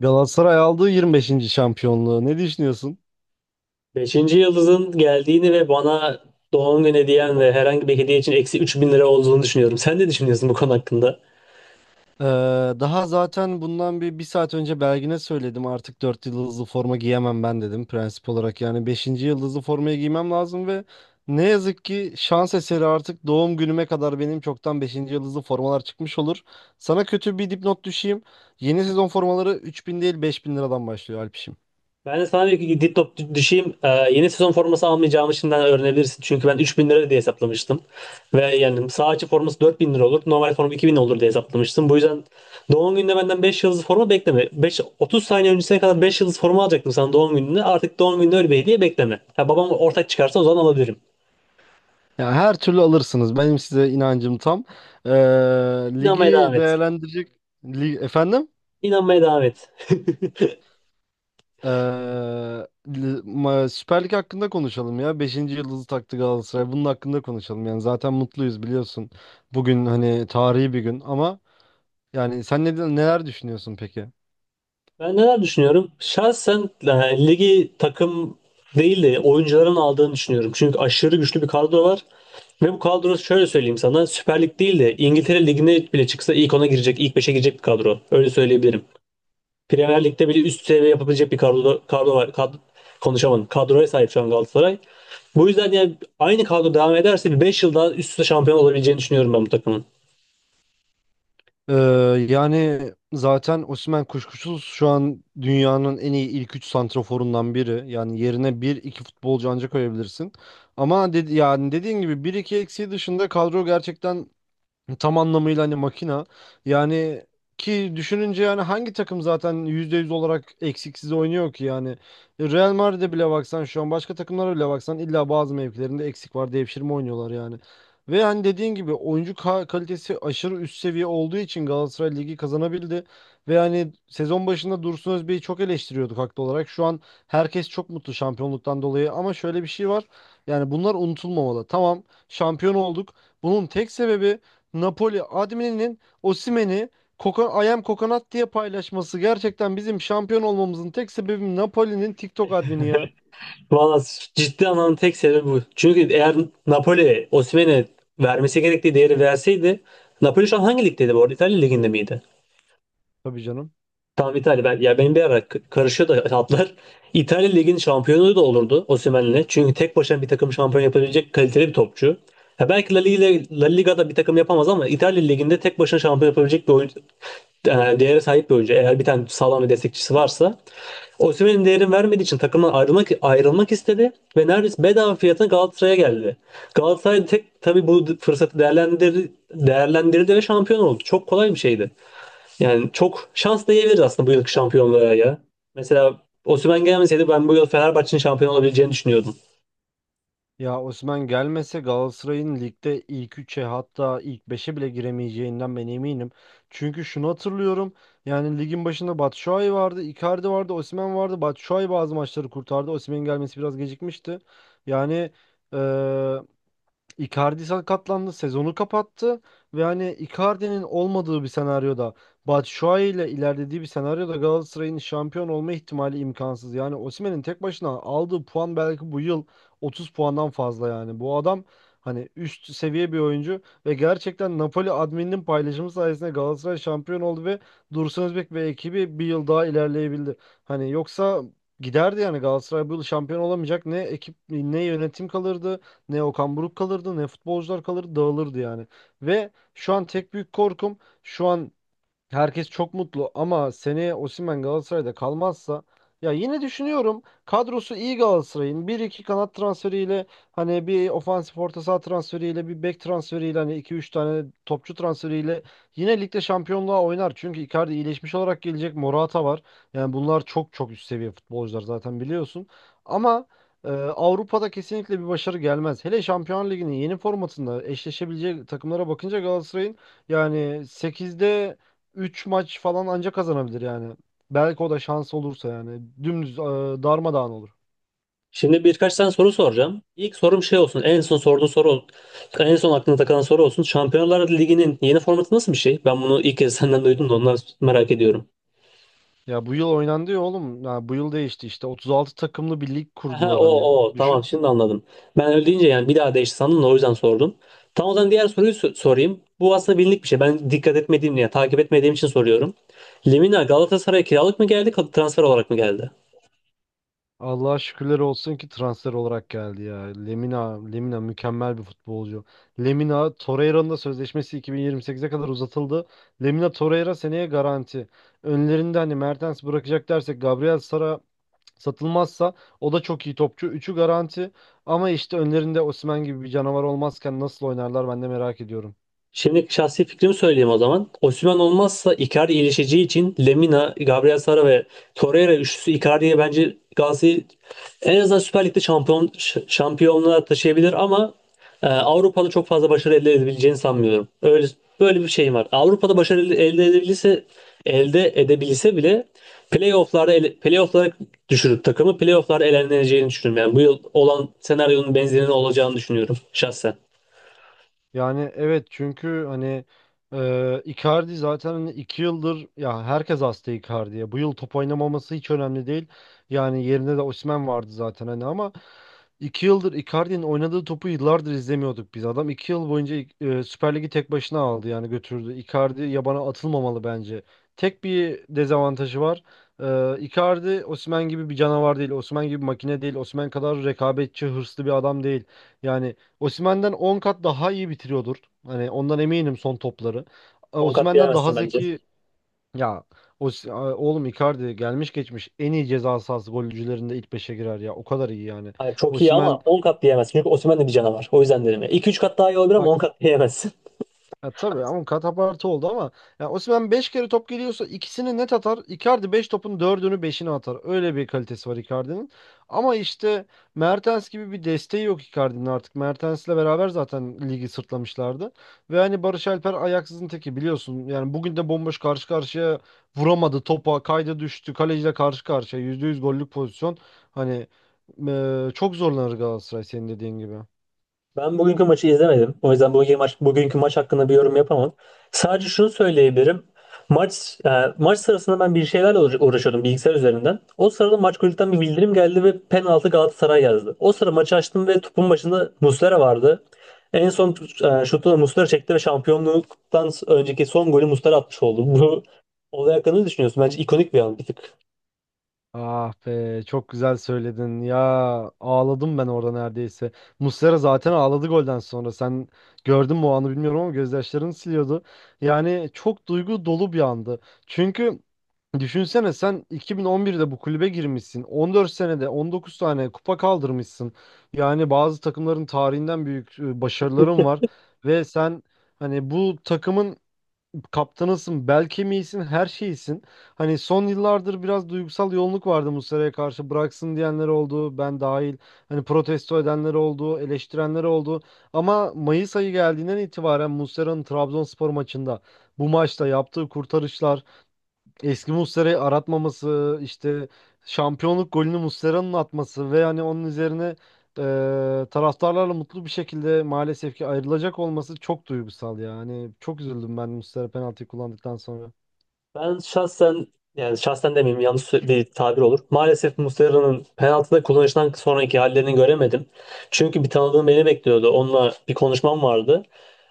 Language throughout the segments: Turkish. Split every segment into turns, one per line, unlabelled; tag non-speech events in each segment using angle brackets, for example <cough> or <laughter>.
Galatasaray aldığı 25. şampiyonluğu. Ne düşünüyorsun?
Beşinci yıldızın geldiğini ve bana doğum günü hediyen ve herhangi bir hediye için eksi 3000 lira olduğunu düşünüyorum. Sen ne düşünüyorsun bu konu hakkında?
Ee, daha zaten bundan bir saat önce Belgin'e söyledim. Artık 4 yıldızlı forma giyemem ben dedim prensip olarak. Yani beşinci yıldızlı formayı giymem lazım ve ne yazık ki şans eseri artık doğum günüme kadar benim çoktan beşinci yıldızlı formalar çıkmış olur. Sana kötü bir dipnot düşeyim. Yeni sezon formaları 3000 değil 5000 liradan başlıyor Alpişim.
Ben de sana bir dip düşeyim. Yeni sezon forması almayacağımı şimdiden öğrenebilirsin. Çünkü ben 3000 lira diye hesaplamıştım. Ve yani sağ açı forması 4000 lira olur. Normal forma bin olur diye hesaplamıştım. Bu yüzden doğum gününde benden 5 yıldız forma bekleme. 5, 30 saniye öncesine kadar 5 yıldız forma alacaktım sana doğum gününde. Artık doğum gününde öyle bir hediye bekleme. Ha, babam ortak çıkarsa o zaman alabilirim.
Yani her türlü alırsınız. Benim size inancım tam. Ee,
İnanmaya devam
ligi
et.
değerlendirecek... Lig... Efendim?
İnanmaya devam et. <laughs>
Ee, Süper Lig hakkında konuşalım ya. Beşinci yıldızı taktı Galatasaray. Bunun hakkında konuşalım. Yani zaten mutluyuz biliyorsun. Bugün hani tarihi bir gün ama yani sen neler düşünüyorsun peki?
Ben neler düşünüyorum? Şahsen ligi takım değil de oyuncuların aldığını düşünüyorum. Çünkü aşırı güçlü bir kadro var. Ve bu kadro şöyle söyleyeyim sana Süper Lig değil de İngiltere Ligi'ne bile çıksa ilk ona girecek, ilk 5'e girecek bir kadro. Öyle söyleyebilirim. Premier Lig'de bile üst seviye yapabilecek bir kadro var. Kad konuşamadım. Kadroya sahip şu an Galatasaray. Bu yüzden yani aynı kadro devam ederse bir 5 yıl daha üst üste şampiyon olabileceğini düşünüyorum ben bu takımın.
Ee, yani zaten Osimhen kuşkusuz şu an dünyanın en iyi ilk 3 santraforundan biri. Yani yerine bir iki futbolcu ancak koyabilirsin. Ama dedi, yani dediğin gibi bir iki eksiği dışında kadro gerçekten tam anlamıyla hani makina. Yani ki düşününce yani hangi takım zaten %100 olarak eksiksiz oynuyor ki yani. Real Madrid'e bile baksan şu an başka takımlara bile baksan illa bazı mevkilerinde eksik var devşirme oynuyorlar yani. Ve hani dediğin gibi oyuncu kalitesi aşırı üst seviye olduğu için Galatasaray Ligi kazanabildi. Ve hani sezon başında Dursun Özbek'i çok eleştiriyorduk haklı olarak. Şu an herkes çok mutlu şampiyonluktan dolayı ama şöyle bir şey var. Yani bunlar unutulmamalı. Tamam şampiyon olduk. Bunun tek sebebi Napoli admininin Osimhen'i Koka, Ayam Kokonat diye paylaşması gerçekten bizim şampiyon olmamızın tek sebebi Napoli'nin TikTok admini ya.
Valla ciddi anlamda tek sebebi bu. Çünkü eğer Napoli Osimhen'e vermesi gerektiği değeri verseydi Napoli şu an hangi ligdeydi bu arada? İtalya liginde miydi?
Tabii canım.
Tamam İtalya. Ben, ya benim bir ara karışıyor da hatlar. <laughs> İtalya Ligi'nin şampiyonu da olurdu Osimhen'le. Çünkü tek başına bir takım şampiyon yapabilecek kaliteli bir topçu. Ya belki La Liga'da bir takım yapamaz ama İtalya Ligi'nde tek başına şampiyon yapabilecek bir oyuncu, değere sahip bir oyuncu. Eğer bir tane sağlam bir destekçisi varsa. Osimhen'in değerini vermediği için takımdan ayrılmak istedi ve neredeyse bedava fiyatına Galatasaray'a geldi. Galatasaray tek tabii bu fırsatı değerlendirdi ve şampiyon oldu. Çok kolay bir şeydi. Yani çok şans diyebiliriz aslında bu yılki şampiyonluğa ya. Mesela Osimhen gelmeseydi ben bu yıl Fenerbahçe'nin şampiyon olabileceğini düşünüyordum.
Ya Osimhen gelmese Galatasaray'ın ligde ilk üçe hatta ilk beşe bile giremeyeceğinden ben eminim. Çünkü şunu hatırlıyorum. Yani ligin başında Batshuayi vardı, Icardi vardı, Osimhen vardı. Batshuayi bazı maçları kurtardı. Osimhen'in gelmesi biraz gecikmişti. Yani eee, Icardi sakatlandı, sezonu kapattı ve hani Icardi'nin olmadığı bir senaryoda Batshuayi ile ilerlediği bir senaryoda Galatasaray'ın şampiyon olma ihtimali imkansız. Yani Osimhen'in tek başına aldığı puan belki bu yıl 30 puandan fazla yani. Bu adam hani üst seviye bir oyuncu ve gerçekten Napoli admininin paylaşımı sayesinde Galatasaray şampiyon oldu ve Dursun Özbek ve ekibi bir yıl daha ilerleyebildi. Hani yoksa giderdi yani Galatasaray bu yıl şampiyon olamayacak. Ne ekip ne yönetim kalırdı. Ne Okan Buruk kalırdı ne futbolcular kalırdı dağılırdı yani. Ve şu an tek büyük korkum şu an herkes çok mutlu ama seneye Osimhen Galatasaray'da kalmazsa ya yine düşünüyorum kadrosu iyi Galatasaray'ın bir iki kanat transferiyle hani bir ofansif orta saha transferiyle bir bek transferiyle hani iki üç tane topçu transferiyle yine ligde şampiyonluğa oynar. Çünkü Icardi iyileşmiş olarak gelecek Morata var. Yani bunlar çok çok üst seviye futbolcular zaten biliyorsun. Ama Avrupa'da kesinlikle bir başarı gelmez. Hele Şampiyon Ligi'nin yeni formatında eşleşebileceği takımlara bakınca Galatasaray'ın yani sekizde 3 maç falan ancak kazanabilir yani. Belki o da şans olursa yani. Dümdüz darmadağın olur.
Şimdi birkaç tane soru soracağım. İlk sorum şey olsun. En son aklına takılan soru olsun. Şampiyonlar Ligi'nin yeni formatı nasıl bir şey? Ben bunu ilk kez senden duydum da ondan merak ediyorum.
Ya bu yıl oynandı ya oğlum. Ya bu yıl değişti işte. 36 takımlı bir lig
Aha,
kurdular
o
hani.
o tamam
Düşün.
şimdi anladım. Ben öyle deyince yani bir daha değişti sandım da o yüzden sordum. Tam o zaman diğer soruyu sorayım. Bu aslında bilindik bir şey. Ben dikkat etmediğim yani takip etmediğim için soruyorum. Lemina Galatasaray'a kiralık mı geldi, transfer olarak mı geldi?
Allah'a şükürler olsun ki transfer olarak geldi ya. Lemina, Lemina mükemmel bir futbolcu. Lemina Torreira'nın da sözleşmesi 2028'e kadar uzatıldı. Lemina Torreira seneye garanti. Önlerinde hani Mertens bırakacak dersek Gabriel Sara satılmazsa o da çok iyi topçu. Üçü garanti ama işte önlerinde Osimhen gibi bir canavar olmazken nasıl oynarlar ben de merak ediyorum.
Şimdi şahsi fikrimi söyleyeyim o zaman. Osimhen olmazsa Icardi iyileşeceği için Lemina, Gabriel Sara ve Torreira üçlüsü Icardi'ye bence Galatasaray en azından Süper Lig'de şampiyonluğa taşıyabilir ama Avrupa'da çok fazla başarı elde edebileceğini sanmıyorum. Öyle böyle bir şeyim var. Avrupa'da başarı elde edebilirse elde edebilse bile playoff'larda playoff'lara düşürüp takımı playoff'larda eleneceğini düşünüyorum. Yani bu yıl olan senaryonun benzerinin olacağını düşünüyorum şahsen.
Yani evet çünkü hani Icardi zaten hani 2 yıldır ya herkes hasta Icardi'ye. Bu yıl top oynamaması hiç önemli değil. Yani yerine de Osimhen vardı zaten hani ama 2 yıldır Icardi'nin oynadığı topu yıllardır izlemiyorduk biz. Adam 2 yıl boyunca Süper Lig'i tek başına aldı yani götürdü. Icardi yabana atılmamalı bence. Tek bir dezavantajı var. Icardi Osimhen gibi bir canavar değil. Osimhen gibi bir makine değil. Osimhen kadar rekabetçi, hırslı bir adam değil. Yani Osimhen'den 10 kat daha iyi bitiriyordur. Hani ondan eminim son topları. E,
10 kat
Osimhen'den daha
diyemezsin bence.
zeki ya oğlum Icardi gelmiş geçmiş en iyi ceza sahası golcülerinde ilk beşe girer ya. O kadar iyi yani.
Hayır, çok iyi ama
Osimhen
10 kat diyemezsin. Çünkü Osimhen de bir canavar. O yüzden dedim ya. 2-3 kat daha iyi olabilir ama 10 kat diyemezsin. <laughs>
ya tabii ama katapartı oldu ama ya Osimhen 5 kere top geliyorsa ikisini net atar. Icardi 5 topun dördünü beşini atar. Öyle bir kalitesi var Icardi'nin. Ama işte Mertens gibi bir desteği yok Icardi'nin artık. Mertens'le beraber zaten ligi sırtlamışlardı. Ve hani Barış Alper ayaksızın teki biliyorsun. Yani bugün de bomboş karşı karşıya vuramadı topa. Kayda düştü. Kaleciyle karşı karşıya. %100 gollük pozisyon. Hani çok zorlanır Galatasaray senin dediğin gibi.
Ben bugünkü maçı izlemedim. O yüzden bugünkü maç hakkında bir yorum yapamam. Sadece şunu söyleyebilirim. Maç e, maç sırasında ben bir şeylerle uğraşıyordum bilgisayar üzerinden. O sırada maç kulüpten bir bildirim geldi ve penaltı Galatasaray yazdı. O sıra maçı açtım ve topun başında Muslera vardı. En son şutu da Muslera çekti ve şampiyonluktan önceki son golü Muslera atmış oldu. Bu olay hakkında ne düşünüyorsun? Bence ikonik bir an bir tık.
Ah be çok güzel söyledin ya ağladım ben orada neredeyse. Muslera zaten ağladı golden sonra sen gördün mü o anı bilmiyorum ama gözyaşlarını siliyordu. Yani çok duygu dolu bir andı. Çünkü düşünsene sen 2011'de bu kulübe girmişsin 14 senede 19 tane kupa kaldırmışsın. Yani bazı takımların tarihinden büyük başarıların var ve sen hani bu takımın kaptanısın, bel kemiğisin, her şeysin. Hani son yıllardır biraz duygusal yoğunluk vardı Muslera'ya karşı. Bıraksın diyenler oldu, ben dahil. Hani protesto edenler oldu, eleştirenler oldu. Ama Mayıs ayı geldiğinden itibaren Muslera'nın Trabzonspor maçında bu maçta yaptığı kurtarışlar eski Muslera'yı aratmaması, işte şampiyonluk golünü Muslera'nın atması ve yani onun üzerine taraftarlarla mutlu bir şekilde maalesef ki ayrılacak olması çok duygusal ya. Hani çok üzüldüm ben Muslera penaltıyı kullandıktan sonra.
Ben şahsen yani şahsen demeyeyim yanlış bir tabir olur. Maalesef Muslera'nın penaltıda kullanıştan sonraki hallerini göremedim. Çünkü bir tanıdığım beni bekliyordu. Onunla bir konuşmam vardı.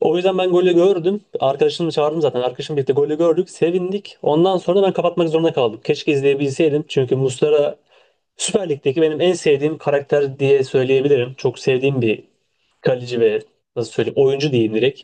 O yüzden ben golü gördüm. Arkadaşımı çağırdım zaten. Arkadaşımla birlikte golü gördük. Sevindik. Ondan sonra ben kapatmak zorunda kaldım. Keşke izleyebilseydim. Çünkü Muslera Süper Lig'deki benim en sevdiğim karakter diye söyleyebilirim. Çok sevdiğim bir kaleci ve nasıl söyleyeyim oyuncu diyeyim direkt.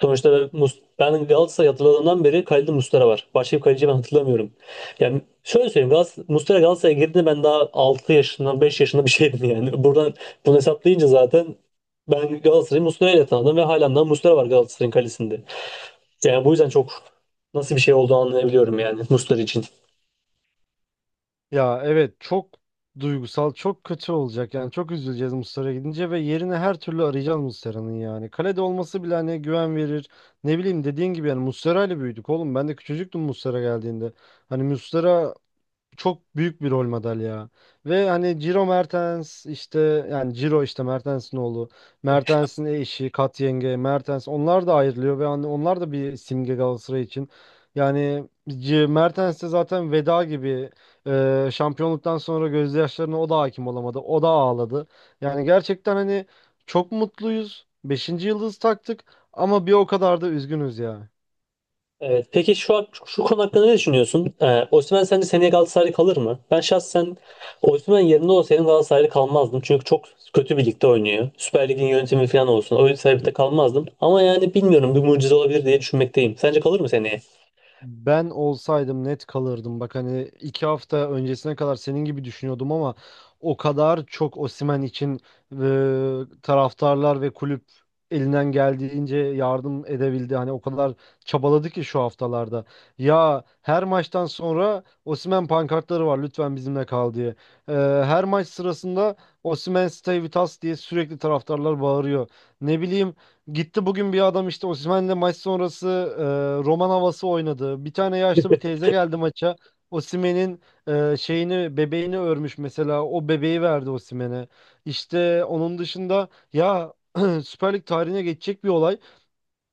Sonuçta ben Galatasaray hatırladığımdan beri kalede Muslera var. Başka bir kaleci ben hatırlamıyorum. Yani şöyle söyleyeyim Muslera Galatasaray'a girdiğinde ben daha 6 yaşında 5 yaşında bir şeydim <laughs> yani. Buradan bunu hesaplayınca zaten ben Galatasaray'ı Muslera ile tanıdım ve halen daha Muslera var Galatasaray'ın kalesinde. Yani bu yüzden çok nasıl bir şey olduğunu anlayabiliyorum yani Muslera için.
Ya evet çok duygusal, çok kötü olacak. Yani çok üzüleceğiz Muslera gidince ve yerine her türlü arayacağız Muslera'nın yani. Kalede olması bile hani güven verir. Ne bileyim dediğin gibi yani Muslera ile büyüdük oğlum. Ben de küçücüktüm Muslera geldiğinde. Hani Muslera çok büyük bir rol model ya. Ve hani Ciro Mertens işte yani Ciro işte Mertens'in oğlu, Mertens'in eşi, Kat yenge, Mertens onlar da ayrılıyor ve hani onlar da bir simge Galatasaray için. Yani Mertens de zaten veda gibi şampiyonluktan sonra gözyaşlarına o da hakim olamadı. O da ağladı. Yani gerçekten hani çok mutluyuz. Beşinci yıldız taktık ama bir o kadar da üzgünüz ya.
Evet. Peki şu konu hakkında ne düşünüyorsun? Osimhen sence seneye Galatasaray'da kalır mı? Ben şahsen Osimhen yerinde olsaydım Galatasaray'da kalmazdım. Çünkü çok kötü bir ligde oynuyor. Süper Lig'in yönetimi falan olsun. Öyle bir sebepte kalmazdım. Ama yani bilmiyorum bir mucize olabilir diye düşünmekteyim. Sence kalır mı seneye?
Ben olsaydım net kalırdım. Bak hani 2 hafta öncesine kadar senin gibi düşünüyordum ama o kadar çok Osimhen için taraftarlar ve kulüp elinden geldiğince yardım edebildi. Hani o kadar çabaladı ki şu haftalarda. Ya her maçtan sonra Osimhen pankartları var lütfen bizimle kal diye. E, her maç sırasında Osimhen Stay With Us diye sürekli taraftarlar bağırıyor. Ne bileyim gitti bugün bir adam işte Osimhen'le maç sonrası roman havası oynadı. Bir tane yaşlı bir teyze geldi maça. Osimhen'in şeyini bebeğini örmüş mesela. O bebeği verdi Osimhen'e. İşte onun dışında ya <clears throat> Süper Lig tarihine geçecek bir olay.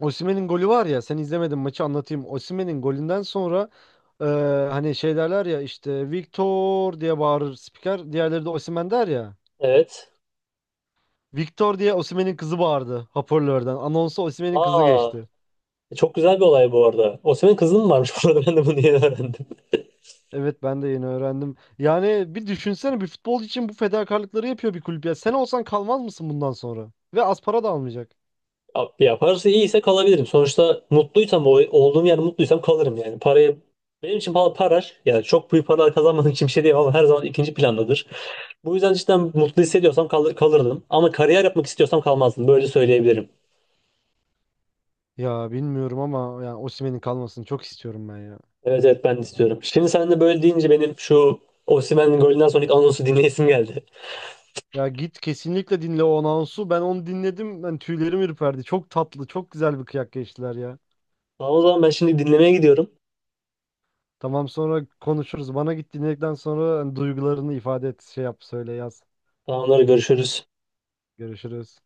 Osimhen'in golü var ya sen izlemedin maçı anlatayım. Osimhen'in golünden sonra e, hani şey derler ya işte Victor diye bağırır spiker. Diğerleri de Osimhen der ya.
Evet.
Victor diye Osimhen'in kızı bağırdı hoparlörden. Anonsa Osimhen'in kızı
Aa,
geçti.
çok güzel bir olay bu arada. Osimhen kızı mı varmış <laughs> burada? Ben de bunu yeni öğrendim.
Evet ben de yeni öğrendim. Yani bir düşünsene bir futbol için bu fedakarlıkları yapıyor bir kulüp ya. Sen olsan kalmaz mısın bundan sonra? Ve az para da almayacak.
Abi ya parası iyiyse kalabilirim. Sonuçta mutluysam, olduğum yer mutluysam kalırım yani. Paraya, benim için para yani çok büyük paralar kazanmadığım için bir şey diyemem ama her zaman ikinci plandadır. Bu yüzden cidden mutlu hissediyorsam kalırdım. Ama kariyer yapmak istiyorsam kalmazdım. Böyle söyleyebilirim.
Ya bilmiyorum ama yani Osimhen'in kalmasını çok istiyorum ben ya.
Evet evet ben de istiyorum. Şimdi sen de böyle deyince benim şu Osimhen'in golünden sonraki anonsu dinleyesim geldi.
Ya git kesinlikle dinle o anonsu. Ben onu dinledim. Ben tüylerim ürperdi. Çok tatlı, çok güzel bir kıyak geçtiler ya.
Tamam o zaman ben şimdi dinlemeye gidiyorum.
Tamam sonra konuşuruz. Bana git dinledikten sonra hani duygularını ifade et, şey yap, söyle, yaz.
Tamamları görüşürüz.
Görüşürüz.